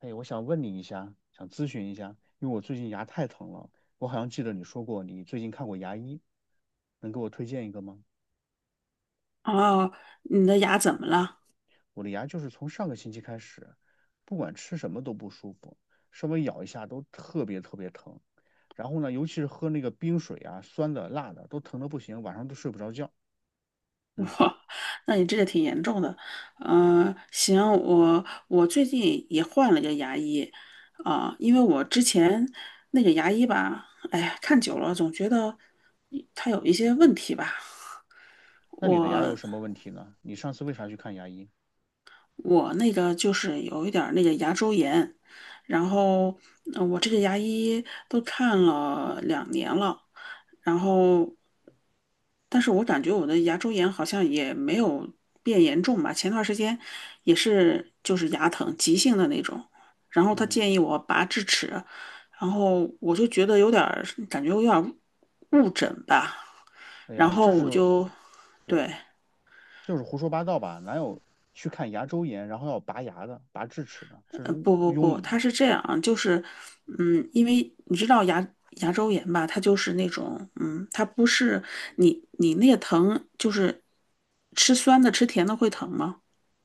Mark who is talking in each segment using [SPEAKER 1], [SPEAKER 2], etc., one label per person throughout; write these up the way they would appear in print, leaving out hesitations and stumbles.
[SPEAKER 1] 哎，我想问你一下，想咨询一下，因为我最近牙太疼了。我好像记得你说过你最近看过牙医，能给我推荐一个吗？
[SPEAKER 2] 哦，你的牙怎么了？
[SPEAKER 1] 我的牙就是从上个星期开始，不管吃什么都不舒服，稍微咬一下都特别特别疼。然后呢，尤其是喝那个冰水啊，酸的、辣的，都疼的不行，晚上都睡不着觉。
[SPEAKER 2] 我，
[SPEAKER 1] 嗯，
[SPEAKER 2] 那你这个挺严重的。嗯、行，我最近也换了个牙医，因为我之前那个牙医吧，哎呀，看久了总觉得他有一些问题吧。
[SPEAKER 1] 那你的牙有
[SPEAKER 2] 我
[SPEAKER 1] 什么问题呢？你上次为啥去看牙医？
[SPEAKER 2] 我那个就是有一点儿那个牙周炎，然后我这个牙医都看了2年了，然后但是我感觉我的牙周炎好像也没有变严重吧。前段时间也是就是牙疼，急性的那种，然后他
[SPEAKER 1] 嗯，
[SPEAKER 2] 建议我拔智齿，然后我就觉得有点儿误诊吧，
[SPEAKER 1] 哎
[SPEAKER 2] 然
[SPEAKER 1] 呀，
[SPEAKER 2] 后
[SPEAKER 1] 这
[SPEAKER 2] 我
[SPEAKER 1] 是，
[SPEAKER 2] 就
[SPEAKER 1] 对，
[SPEAKER 2] 对。
[SPEAKER 1] 就是胡说八道吧？哪有去看牙周炎，然后要拔牙的、拔智齿的？这是误
[SPEAKER 2] 不不
[SPEAKER 1] 庸
[SPEAKER 2] 不，
[SPEAKER 1] 医。
[SPEAKER 2] 它是这样啊，就是，嗯，因为你知道牙周炎吧，它就是那种，它不是你那个疼，就是吃酸的吃甜的会疼吗？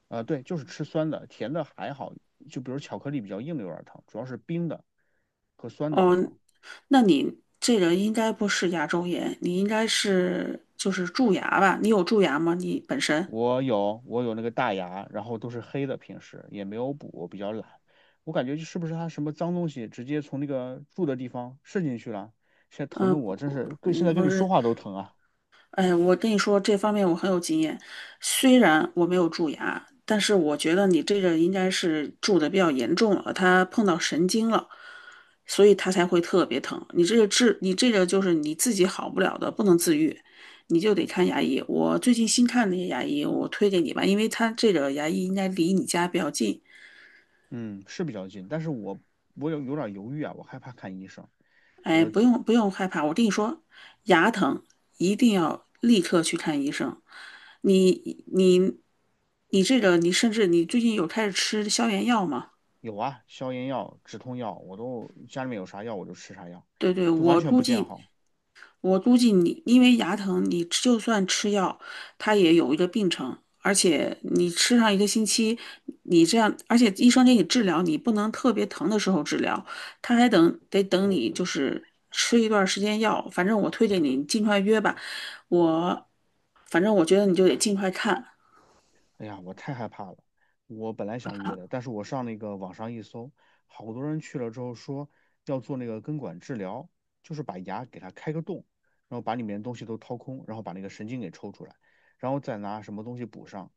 [SPEAKER 1] 啊、对，就是吃酸的，甜的还好，就比如巧克力比较硬的有点疼，主要是冰的和酸的会
[SPEAKER 2] 哦，
[SPEAKER 1] 疼。
[SPEAKER 2] 那你这个应该不是牙周炎，你应该是就是蛀牙吧？你有蛀牙吗？你本身？
[SPEAKER 1] 我有那个大牙，然后都是黑的，平时也没有补，我比较懒。我感觉就是不是它什么脏东西直接从那个住的地方渗进去了？现在疼的
[SPEAKER 2] 嗯
[SPEAKER 1] 我真是跟现在
[SPEAKER 2] 嗯，
[SPEAKER 1] 跟
[SPEAKER 2] 不
[SPEAKER 1] 你说
[SPEAKER 2] 是，
[SPEAKER 1] 话都疼啊。
[SPEAKER 2] 哎，我跟你说，这方面我很有经验。虽然我没有蛀牙，但是我觉得你这个应该是蛀的比较严重了，它碰到神经了，所以它才会特别疼。你这个治，你这个就是你自己好不了的，不能自愈，你就得看牙医。我最近新看那些牙医，我推给你吧，因为他这个牙医应该离你家比较近，
[SPEAKER 1] 嗯，是比较近，但是我有点犹豫啊，我害怕看医生。
[SPEAKER 2] 哎，
[SPEAKER 1] 我
[SPEAKER 2] 不用不用害怕，我跟你说，牙疼一定要立刻去看医生。你你你这个，你甚至你最近有开始吃消炎药吗？
[SPEAKER 1] 有啊，消炎药、止痛药，我都家里面有啥药我就吃啥药，
[SPEAKER 2] 对对，
[SPEAKER 1] 就完
[SPEAKER 2] 我
[SPEAKER 1] 全
[SPEAKER 2] 估
[SPEAKER 1] 不见
[SPEAKER 2] 计
[SPEAKER 1] 好。
[SPEAKER 2] 我估计你因为牙疼，你吃就算吃药，它也有一个病程，而且你吃上一个星期，你这样，而且医生给你治疗，你不能特别疼的时候治疗，他还等得等你就是吃一段时间药。反正我推荐你尽快约吧，我反正我觉得你就得尽快看。
[SPEAKER 1] 哎呀，我太害怕了。我本来想约的，但是我上那个网上一搜，好多人去了之后说要做那个根管治疗，就是把牙给它开个洞，然后把里面的东西都掏空，然后把那个神经给抽出来，然后再拿什么东西补上，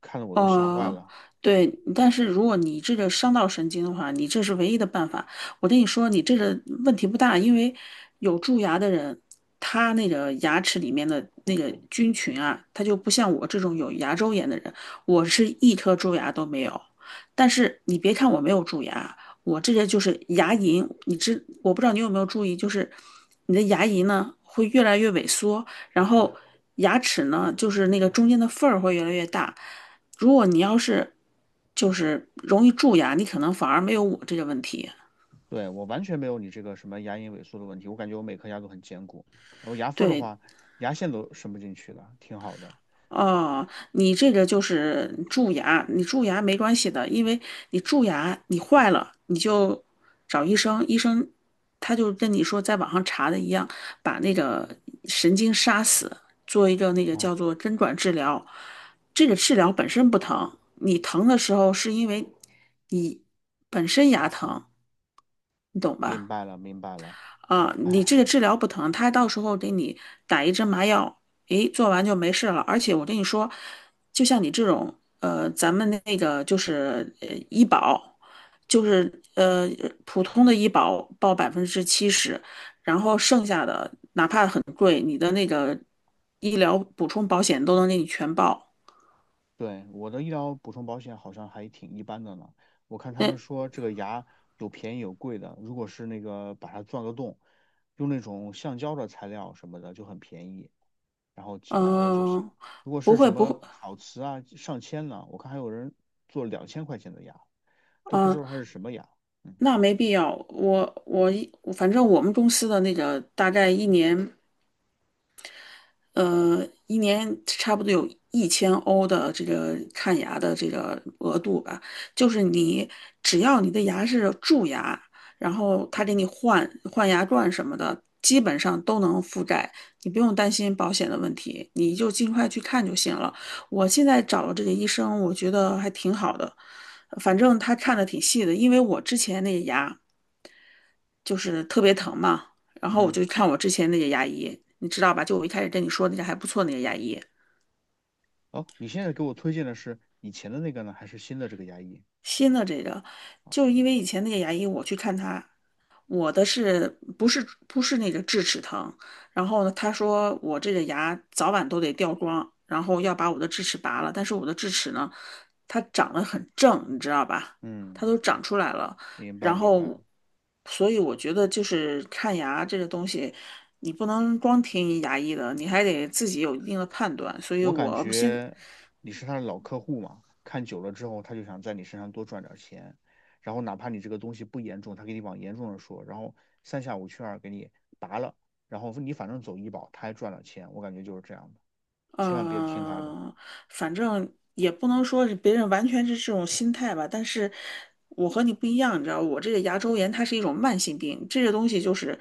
[SPEAKER 1] 看得我都吓坏
[SPEAKER 2] 哦，
[SPEAKER 1] 了。
[SPEAKER 2] 对，但是如果你这个伤到神经的话，你这是唯一的办法。我跟你说，你这个问题不大，因为有蛀牙的人，他那个牙齿里面的那个菌群啊，他就不像我这种有牙周炎的人，我是一颗蛀牙都没有。但是你别看我没有蛀牙，我这个就是牙龈，你知，我不知道你有没有注意，就是你的牙龈呢会越来越萎缩，然后牙齿呢就是那个中间的缝儿会越来越大。如果你要是就是容易蛀牙，你可能反而没有我这个问题。
[SPEAKER 1] 对，我完全没有你这个什么牙龈萎缩的问题，我感觉我每颗牙都很坚固，然后牙缝儿的
[SPEAKER 2] 对，
[SPEAKER 1] 话，牙线都伸不进去的，挺好的。
[SPEAKER 2] 哦，你这个就是蛀牙，你蛀牙没关系的，因为你蛀牙你坏了，你就找医生，医生他就跟你说在网上查的一样，把那个神经杀死，做一个那个叫
[SPEAKER 1] 哦，
[SPEAKER 2] 做根管治疗。这个治疗本身不疼，你疼的时候是因为你本身牙疼，你懂
[SPEAKER 1] 明
[SPEAKER 2] 吧？
[SPEAKER 1] 白了，明白了。
[SPEAKER 2] 啊，你
[SPEAKER 1] 哎，
[SPEAKER 2] 这个治疗不疼，他到时候给你打一针麻药，诶，做完就没事了。而且我跟你说，就像你这种，咱们那个就是医保，就是普通的医保报70%，然后剩下的哪怕很贵，你的那个医疗补充保险都能给你全报。
[SPEAKER 1] 对，我的医疗补充保险好像还挺一般的呢。我看他
[SPEAKER 2] 那
[SPEAKER 1] 们说这个牙有便宜有贵的，如果是那个把它钻个洞，用那种橡胶的材料什么的就很便宜，然后几
[SPEAKER 2] 嗯、
[SPEAKER 1] 百欧就行。
[SPEAKER 2] 呃
[SPEAKER 1] 如果
[SPEAKER 2] 不
[SPEAKER 1] 是什
[SPEAKER 2] 会不
[SPEAKER 1] 么
[SPEAKER 2] 会，
[SPEAKER 1] 烤瓷啊，上千呢，我看还有人做2000块钱的牙，都不知
[SPEAKER 2] 嗯、
[SPEAKER 1] 道它是什么牙。嗯
[SPEAKER 2] 那没必要。我我一反正我们公司的那个大概一年。一年差不多有1000欧的这个看牙的这个额度吧，就是你只要你的牙是蛀牙，然后他给你换换牙冠什么的，基本上都能覆盖，你不用担心保险的问题，你就尽快去看就行了。我现在找了这个医生，我觉得还挺好的，反正他看的挺细的，因为我之前那个牙。就是特别疼嘛。然后我
[SPEAKER 1] 嗯，
[SPEAKER 2] 就看我之前那些牙医，你知道吧？就我一开始跟你说那家还不错那个牙医，
[SPEAKER 1] 哦，你现在给我推荐的是以前的那个呢，还是新的这个牙医？
[SPEAKER 2] 新的这个，就是因为以前那个牙医我去看他，我的是不是那个智齿疼？然后呢，他说我这个牙早晚都得掉光，然后要把我的智齿拔了。但是我的智齿呢，它长得很正，你知道吧？
[SPEAKER 1] 嗯，
[SPEAKER 2] 它都长出来了。
[SPEAKER 1] 明白
[SPEAKER 2] 然
[SPEAKER 1] 明
[SPEAKER 2] 后，
[SPEAKER 1] 白。
[SPEAKER 2] 所以我觉得就是看牙这个东西，你不能光听牙医的，你还得自己有一定的判断。所以
[SPEAKER 1] 我感
[SPEAKER 2] 我现
[SPEAKER 1] 觉你是他的老客户嘛，看久了之后，他就想在你身上多赚点钱，然后哪怕你这个东西不严重，他给你往严重了说，然后三下五去二给你拔了，然后你反正走医保，他还赚了钱，我感觉就是这样的，千万别听他的。
[SPEAKER 2] 嗯，反正也不能说是别人完全是这种心态吧，但是我和你不一样，你知道，我这个牙周炎它是一种慢性病，这个东西就是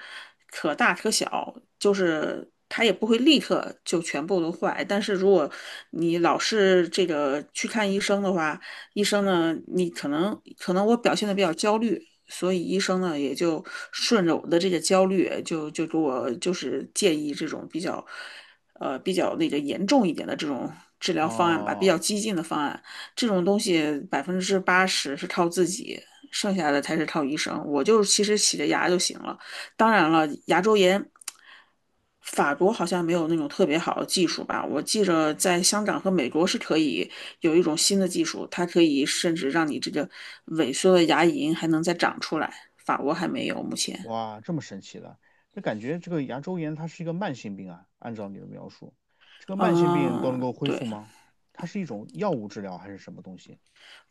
[SPEAKER 2] 可大可小，就是它也不会立刻就全部都坏，但是如果你老是这个去看医生的话，医生呢，你可能可能我表现的比较焦虑。所以医生呢，也就顺着我的这个焦虑，就给我就是建议这种比较比较那个严重一点的这种治疗方案吧，比
[SPEAKER 1] 啊！
[SPEAKER 2] 较激进的方案，这种东西80%是靠自己，剩下的才是靠医生。我就其实洗着牙就行了。当然了，牙周炎，法国好像没有那种特别好的技术吧？我记着在香港和美国是可以有一种新的技术，它可以甚至让你这个萎缩的牙龈还能再长出来。法国还没有，目前。
[SPEAKER 1] 哇，这么神奇的，那感觉这个牙周炎它是一个慢性病啊，按照你的描述，这个慢性病都能
[SPEAKER 2] 嗯，
[SPEAKER 1] 够恢复
[SPEAKER 2] 对，
[SPEAKER 1] 吗？它是一种药物治疗还是什么东西？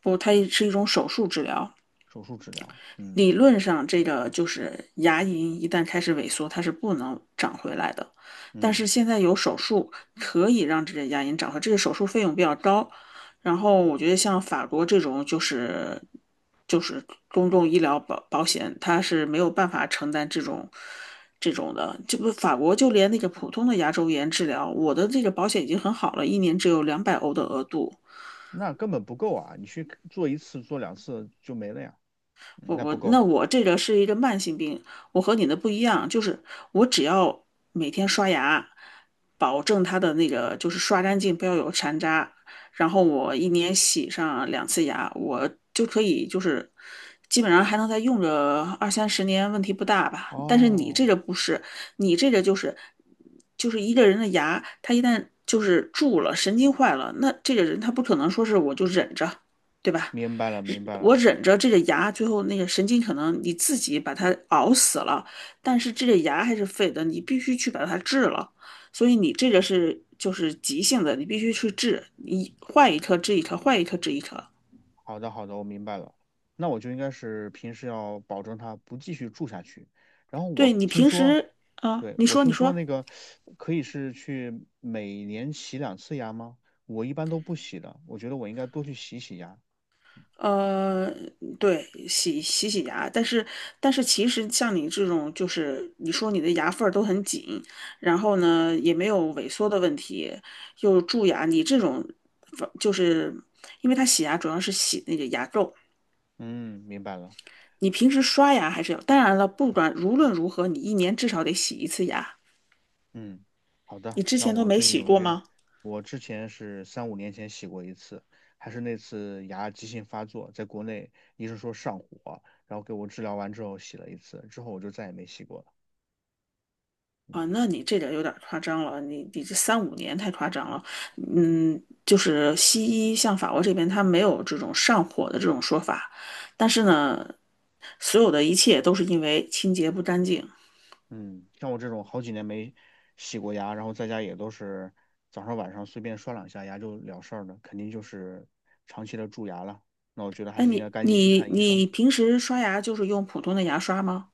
[SPEAKER 2] 不过它是一种手术治疗。
[SPEAKER 1] 手术治疗？嗯
[SPEAKER 2] 理论上，这个就是牙龈一旦开始萎缩，它是不能长回来的。但
[SPEAKER 1] 嗯。
[SPEAKER 2] 是现在有手术可以让这个牙龈长回来，这个手术费用比较高。然后我觉得像法国这种就是公共医疗保险，它是没有办法承担这种的。这不法国就连那个普通的牙周炎治疗，我的这个保险已经很好了，一年只有200欧的额度。
[SPEAKER 1] 那根本不够啊！你去做一次、做两次就没了呀，嗯
[SPEAKER 2] 我
[SPEAKER 1] 那
[SPEAKER 2] 我
[SPEAKER 1] 不够。
[SPEAKER 2] 那我这个是一个慢性病，我和你的不一样，就是我只要每天刷牙，保证它的那个就是刷干净，不要有残渣，然后我一年洗上2次牙，我就可以就是基本上还能再用个二三十年，问题不大吧。但是你
[SPEAKER 1] 哦，
[SPEAKER 2] 这个不是，你这个就是一个人的牙，他一旦就是蛀了，神经坏了，那这个人他不可能说是我就忍着，对吧？
[SPEAKER 1] 明白了，明白
[SPEAKER 2] 我
[SPEAKER 1] 了。
[SPEAKER 2] 忍着这个牙，最后那个神经可能你自己把它熬死了，但是这个牙还是废的，你必须去把它治了。所以你这个是就是急性的，你必须去治，你换一颗治一颗，换一颗治一颗。
[SPEAKER 1] 好的，好的，我明白了。那我就应该是平时要保证它不继续住下去。然后
[SPEAKER 2] 对
[SPEAKER 1] 我
[SPEAKER 2] 你
[SPEAKER 1] 听
[SPEAKER 2] 平
[SPEAKER 1] 说，
[SPEAKER 2] 时啊，
[SPEAKER 1] 对，
[SPEAKER 2] 你
[SPEAKER 1] 我
[SPEAKER 2] 说你
[SPEAKER 1] 听说
[SPEAKER 2] 说。
[SPEAKER 1] 那个可以是去每年洗两次牙吗？我一般都不洗的，我觉得我应该多去洗洗牙。
[SPEAKER 2] 呃，对，洗洗牙，但是其实像你这种，就是你说你的牙缝儿都很紧，然后呢也没有萎缩的问题，又蛀牙，你这种就是因为它洗牙主要是洗那个牙垢，
[SPEAKER 1] 嗯，明白了。
[SPEAKER 2] 你平时刷牙还是要，当然了，不管无论如何，你一年至少得洗一次牙，
[SPEAKER 1] 嗯，好的，
[SPEAKER 2] 你之
[SPEAKER 1] 那
[SPEAKER 2] 前都
[SPEAKER 1] 我
[SPEAKER 2] 没
[SPEAKER 1] 最近
[SPEAKER 2] 洗
[SPEAKER 1] 有
[SPEAKER 2] 过
[SPEAKER 1] 约，
[SPEAKER 2] 吗？
[SPEAKER 1] 我之前是三五年前洗过一次，还是那次牙急性发作，在国内医生说上火，然后给我治疗完之后洗了一次，之后我就再也没洗过了。嗯
[SPEAKER 2] 啊，那你这点有点夸张了，你这三五年太夸张了。嗯，就是西医像法国这边，它没有这种上火的这种说法，但是呢，所有的一切都是因为清洁不干净。
[SPEAKER 1] 嗯，像我这种好几年没洗过牙，然后在家也都是早上晚上随便刷两下牙就了事儿的，肯定就是长期的蛀牙了。那我觉得还
[SPEAKER 2] 哎，
[SPEAKER 1] 是应该
[SPEAKER 2] 你
[SPEAKER 1] 赶紧去
[SPEAKER 2] 你
[SPEAKER 1] 看医生。
[SPEAKER 2] 你平时刷牙就是用普通的牙刷吗？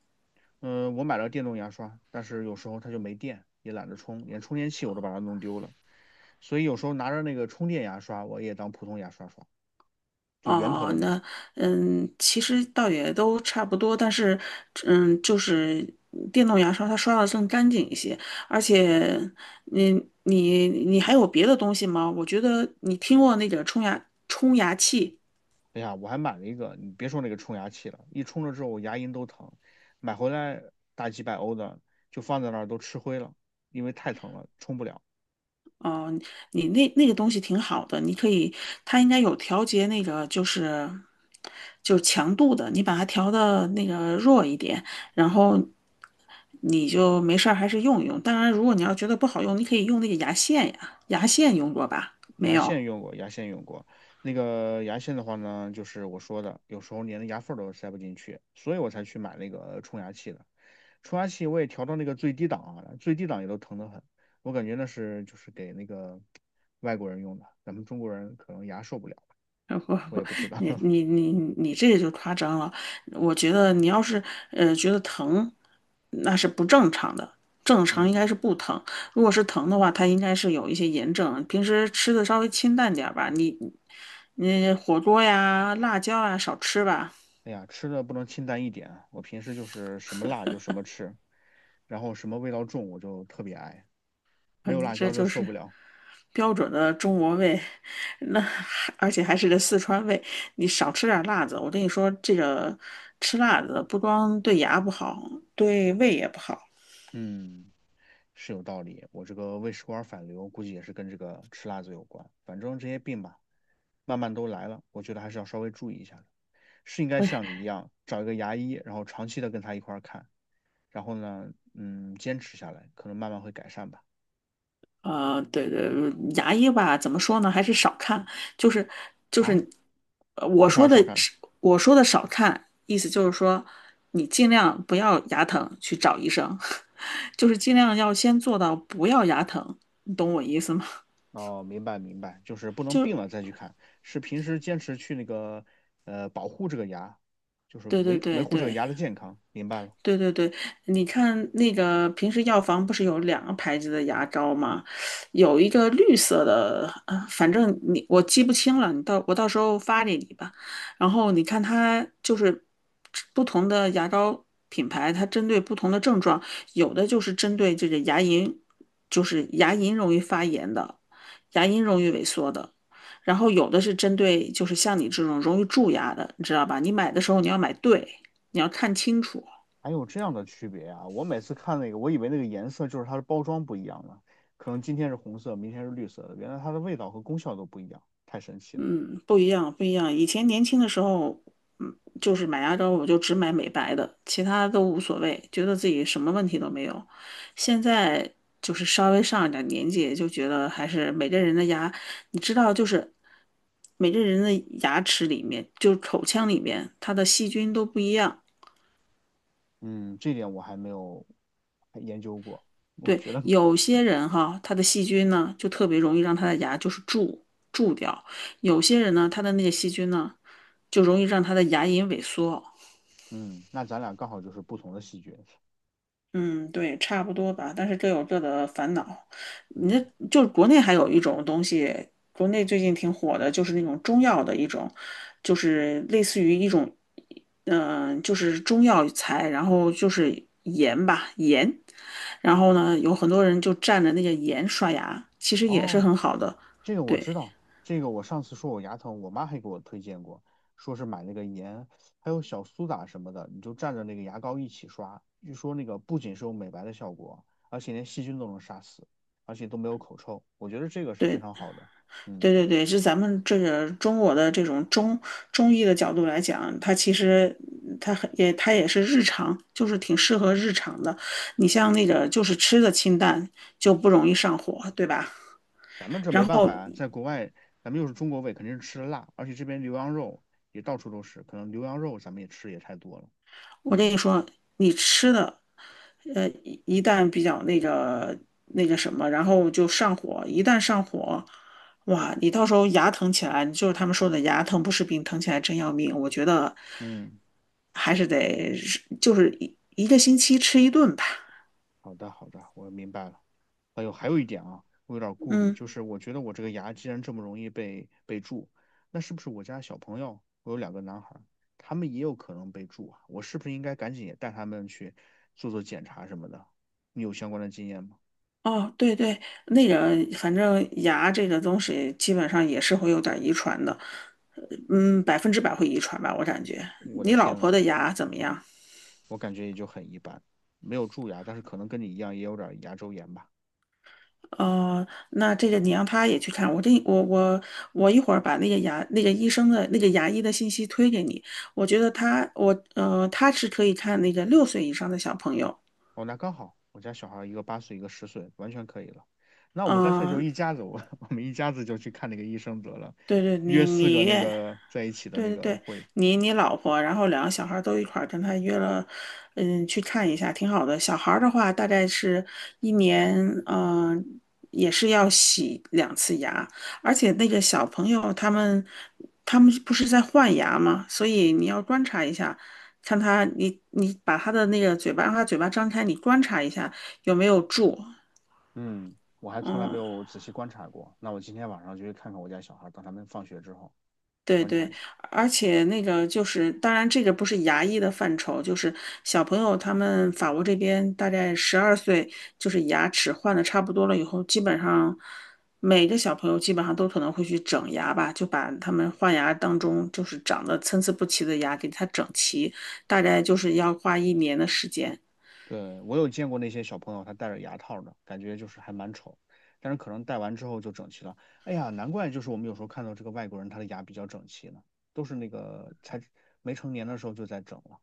[SPEAKER 1] 嗯、我买了电动牙刷，但是有时候它就没电，也懒得充，连充电器我都把它弄丢了。所以有时候拿着那个充电牙刷，我也当普通牙刷刷，就
[SPEAKER 2] 哦
[SPEAKER 1] 圆头
[SPEAKER 2] 哦，
[SPEAKER 1] 的那种。
[SPEAKER 2] 那其实倒也都差不多，但是就是电动牙刷它刷的更干净一些，而且你你还有别的东西吗？我觉得你听过那个冲牙器。
[SPEAKER 1] 哎呀，我还买了一个，你别说那个冲牙器了，一冲了之后我牙龈都疼，买回来大几百欧的，就放在那儿都吃灰了，因为太疼了，冲不了。
[SPEAKER 2] 你那个东西挺好的，你可以，它应该有调节那个就是强度的，你把它调的那个弱一点，然后你就没事儿还是用一用。当然，如果你要觉得不好用，你可以用那个牙线呀，牙线用过吧？没
[SPEAKER 1] 牙
[SPEAKER 2] 有。
[SPEAKER 1] 线用过，牙线用过。那个牙线的话呢，就是我说的，有时候连牙缝儿都塞不进去，所以我才去买那个冲牙器的。冲牙器我也调到那个最低档啊，最低档也都疼得很。我感觉那是就是给那个 外国人用的，咱们中国人可能牙受不了，
[SPEAKER 2] 不
[SPEAKER 1] 我
[SPEAKER 2] 不，
[SPEAKER 1] 也不知道。
[SPEAKER 2] 你 你你你这个就夸张了。我觉得你要是觉得疼，那是不正常的。正常应
[SPEAKER 1] 嗯，
[SPEAKER 2] 该是不疼，如果是疼的话，它应该是有一些炎症。平时吃的稍微清淡点儿吧，你火锅呀、辣椒啊少吃吧。
[SPEAKER 1] 哎呀，吃的不能清淡一点啊我平时就是什么辣就什么吃，然后什么味道重我就特别爱，
[SPEAKER 2] 啊
[SPEAKER 1] 没有
[SPEAKER 2] 你
[SPEAKER 1] 辣
[SPEAKER 2] 这
[SPEAKER 1] 椒就
[SPEAKER 2] 就
[SPEAKER 1] 受
[SPEAKER 2] 是
[SPEAKER 1] 不了。
[SPEAKER 2] 标准的中国胃，那还而且还是个四川胃。你少吃点辣子，我跟你说，这个吃辣子不光对牙不好，对胃也不好。
[SPEAKER 1] 嗯。是有道理。我这个胃食管反流估计也是跟这个吃辣子有关。反正这些病吧，慢慢都来了，我觉得还是要稍微注意一下的。是应该
[SPEAKER 2] 不是，
[SPEAKER 1] 像你一样找一个牙医，然后长期的跟他一块儿看，然后呢，嗯，坚持下来，可能慢慢会改善吧。
[SPEAKER 2] 对对，牙医吧，怎么说呢？还是少看，就是就
[SPEAKER 1] 啊？
[SPEAKER 2] 是，呃我
[SPEAKER 1] 为啥要
[SPEAKER 2] 说的
[SPEAKER 1] 少看？
[SPEAKER 2] 是我说的少看，意思就是说，你尽量不要牙疼去找医生，就是尽量要先做到不要牙疼，你懂我意思吗？
[SPEAKER 1] 哦，明白明白，就是不 能病
[SPEAKER 2] 就
[SPEAKER 1] 了再去看，是平时坚持去那个保护这个牙，就是
[SPEAKER 2] 对对
[SPEAKER 1] 维维
[SPEAKER 2] 对
[SPEAKER 1] 护这个
[SPEAKER 2] 对，
[SPEAKER 1] 牙的健康。明白了。
[SPEAKER 2] 对对对，你看那个平时药房不是有2个牌子的牙膏吗？有一个绿色的，反正我记不清了，我到时候发给你吧。然后你看它就是不同的牙膏品牌，它针对不同的症状，有的就是针对这个牙龈，就是牙龈容易发炎的，牙龈容易萎缩的。然后有的是针对就是像你这种容易蛀牙的，你知道吧？你买的时候你要买对，你要看清楚。
[SPEAKER 1] 还有这样的区别啊！我每次看那个，我以为那个颜色就是它的包装不一样了，可能今天是红色，明天是绿色的，原来它的味道和功效都不一样，太神奇了。
[SPEAKER 2] 嗯，不一样，不一样。以前年轻的时候，就是买牙膏我就只买美白的，其他都无所谓，觉得自己什么问题都没有。现在就是稍微上一点年纪，就觉得还是每个人的牙，你知道，就是每个人的牙齿里面，就是口腔里面，它的细菌都不一样。
[SPEAKER 1] 嗯，这点我还没有还研究过。我
[SPEAKER 2] 对，
[SPEAKER 1] 觉得，
[SPEAKER 2] 有些人哈，他的细菌呢，就特别容易让他的牙就是蛀掉；有些人呢，他的那个细菌呢，就容易让他的牙龈萎缩。
[SPEAKER 1] 嗯，那咱俩刚好就是不同的细菌。
[SPEAKER 2] 嗯，对，差不多吧。但是各有各的烦恼。你这
[SPEAKER 1] 嗯，
[SPEAKER 2] 就是国内还有一种东西，国内最近挺火的，就是那种中药的一种，就是类似于一种，就是中药材，然后就是盐吧，盐。然后呢，有很多人就蘸着那个盐刷牙，其实也是
[SPEAKER 1] 哦，
[SPEAKER 2] 很好的。
[SPEAKER 1] 这个我
[SPEAKER 2] 对。
[SPEAKER 1] 知道，这个我上次说我牙疼，我妈还给我推荐过，说是买那个盐，还有小苏打什么的，你就蘸着那个牙膏一起刷，据说那个不仅是有美白的效果，而且连细菌都能杀死，而且都没有口臭，我觉得这个是非常
[SPEAKER 2] 对
[SPEAKER 1] 好的。嗯，
[SPEAKER 2] 对对对，就咱们这个中国的这种中医的角度来讲，它其实它也是日常，就是挺适合日常的。你像那个就是吃的清淡，就不容易上火，对吧？
[SPEAKER 1] 咱们这
[SPEAKER 2] 然
[SPEAKER 1] 没办法
[SPEAKER 2] 后
[SPEAKER 1] 呀，在国外，咱们又是中国胃，肯定是吃的辣，而且这边牛羊肉也到处都是，可能牛羊肉咱们也吃的也太多了。
[SPEAKER 2] 我跟
[SPEAKER 1] 嗯
[SPEAKER 2] 你说，你吃的一旦比较那个什么，然后就上火，一旦上火，哇，你到时候牙疼起来，就是他们说的牙疼不是病，疼起来真要命。我觉得
[SPEAKER 1] 嗯，
[SPEAKER 2] 还是得就是一个星期吃一顿吧。
[SPEAKER 1] 好的好的，我明白了。还有还有一点啊，我有点顾虑，
[SPEAKER 2] 嗯，
[SPEAKER 1] 就是我觉得我这个牙既然这么容易被蛀，那是不是我家小朋友，我有两个男孩儿，他们也有可能被蛀啊？我是不是应该赶紧也带他们去做做检查什么的？你有相关的经验吗？
[SPEAKER 2] 哦，对对，那个反正牙这个东西基本上也是会有点遗传的，呃100%会遗传吧，我感觉。
[SPEAKER 1] 我的
[SPEAKER 2] 你老
[SPEAKER 1] 天呐，
[SPEAKER 2] 婆的牙怎么样？
[SPEAKER 1] 我感觉也就很一般，没有蛀牙，但是可能跟你一样也有点牙周炎吧。
[SPEAKER 2] 哦，那这个你让他也去看。我这我我我一会儿把那个牙那个医生的那个牙医的信息推给你。我觉得他是可以看那个6岁以上的小朋友。
[SPEAKER 1] 哦，那刚好，我家小孩一个8岁，一个10岁，完全可以了。那我们干脆就
[SPEAKER 2] 嗯、
[SPEAKER 1] 一家子，我 我们一家子就去看那个医生得了，
[SPEAKER 2] 对对，
[SPEAKER 1] 约四个那个在一起的
[SPEAKER 2] 对
[SPEAKER 1] 那
[SPEAKER 2] 对
[SPEAKER 1] 个
[SPEAKER 2] 对，
[SPEAKER 1] 会，
[SPEAKER 2] 你老婆，然后2个小孩儿都一块儿跟他约了，嗯，去看一下，挺好的。小孩儿的话，大概是一年，嗯、也是要洗2次牙，而且那个小朋友他们不是在换牙吗？所以你要观察一下，看他，你把他的那个嘴巴，让他嘴巴张开，你观察一下有没有蛀，
[SPEAKER 1] 嗯，我还从来没
[SPEAKER 2] 嗯。
[SPEAKER 1] 有仔细观察过。那我今天晚上就去看看我家小孩等他们放学之后
[SPEAKER 2] 对
[SPEAKER 1] 观察
[SPEAKER 2] 对，
[SPEAKER 1] 一下。
[SPEAKER 2] 而且那个就是，当然这个不是牙医的范畴，就是小朋友他们法国这边大概12岁，就是牙齿换的差不多了以后，基本上每个小朋友基本上都可能会去整牙吧，就把他们换牙当中就是长得参差不齐的牙给它整齐，大概就是要花一年的时间。
[SPEAKER 1] 对，我有见过那些小朋友，他戴着牙套的，感觉就是还蛮丑，但是可能戴完之后就整齐了。哎呀，难怪就是我们有时候看到这个外国人他的牙比较整齐呢，都是那个才没成年的时候就在整了。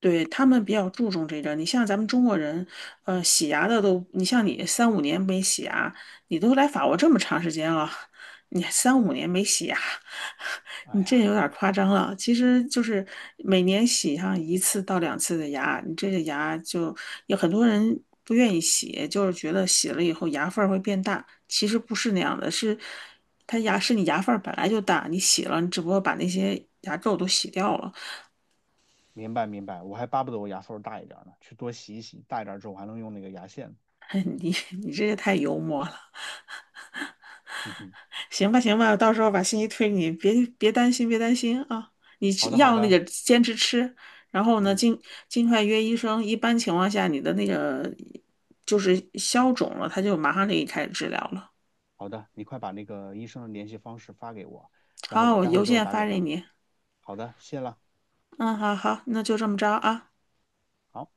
[SPEAKER 2] 对，他们比较注重这个。你像咱们中国人，洗牙的都，你像你三五年没洗牙，你都来法国这么长时间了，你三五年没洗牙，
[SPEAKER 1] 哎
[SPEAKER 2] 你
[SPEAKER 1] 呀，
[SPEAKER 2] 这有点儿夸张了。其实就是每年洗上1到2次的牙，你这个牙就有很多人不愿意洗，就是觉得洗了以后牙缝儿会变大。其实不是那样的，是它牙是你牙缝儿本来就大，你洗了，你只不过把那些牙垢都洗掉了。
[SPEAKER 1] 明白明白，我还巴不得我牙缝儿大一点儿呢，去多洗一洗，大一点儿之后我还能用那个牙线呢。
[SPEAKER 2] 你你这也太幽默了。
[SPEAKER 1] 嗯哼，
[SPEAKER 2] 行吧，行吧，到时候把信息推给你，别担心，别担心啊！你吃
[SPEAKER 1] 好的好
[SPEAKER 2] 药那
[SPEAKER 1] 的，
[SPEAKER 2] 个坚持吃，然后呢，
[SPEAKER 1] 嗯。
[SPEAKER 2] 尽快约医生。一般情况下，你的那个就是消肿了，他就马上给你开始治疗了。
[SPEAKER 1] 好的，你快把那个医生的联系方式发给我，然后
[SPEAKER 2] 好，
[SPEAKER 1] 我
[SPEAKER 2] 我
[SPEAKER 1] 待会儿
[SPEAKER 2] 邮
[SPEAKER 1] 就
[SPEAKER 2] 件
[SPEAKER 1] 打给
[SPEAKER 2] 发给
[SPEAKER 1] 他。
[SPEAKER 2] 你。
[SPEAKER 1] 好的，谢了。
[SPEAKER 2] 嗯，好好，那就这么着啊。
[SPEAKER 1] 好。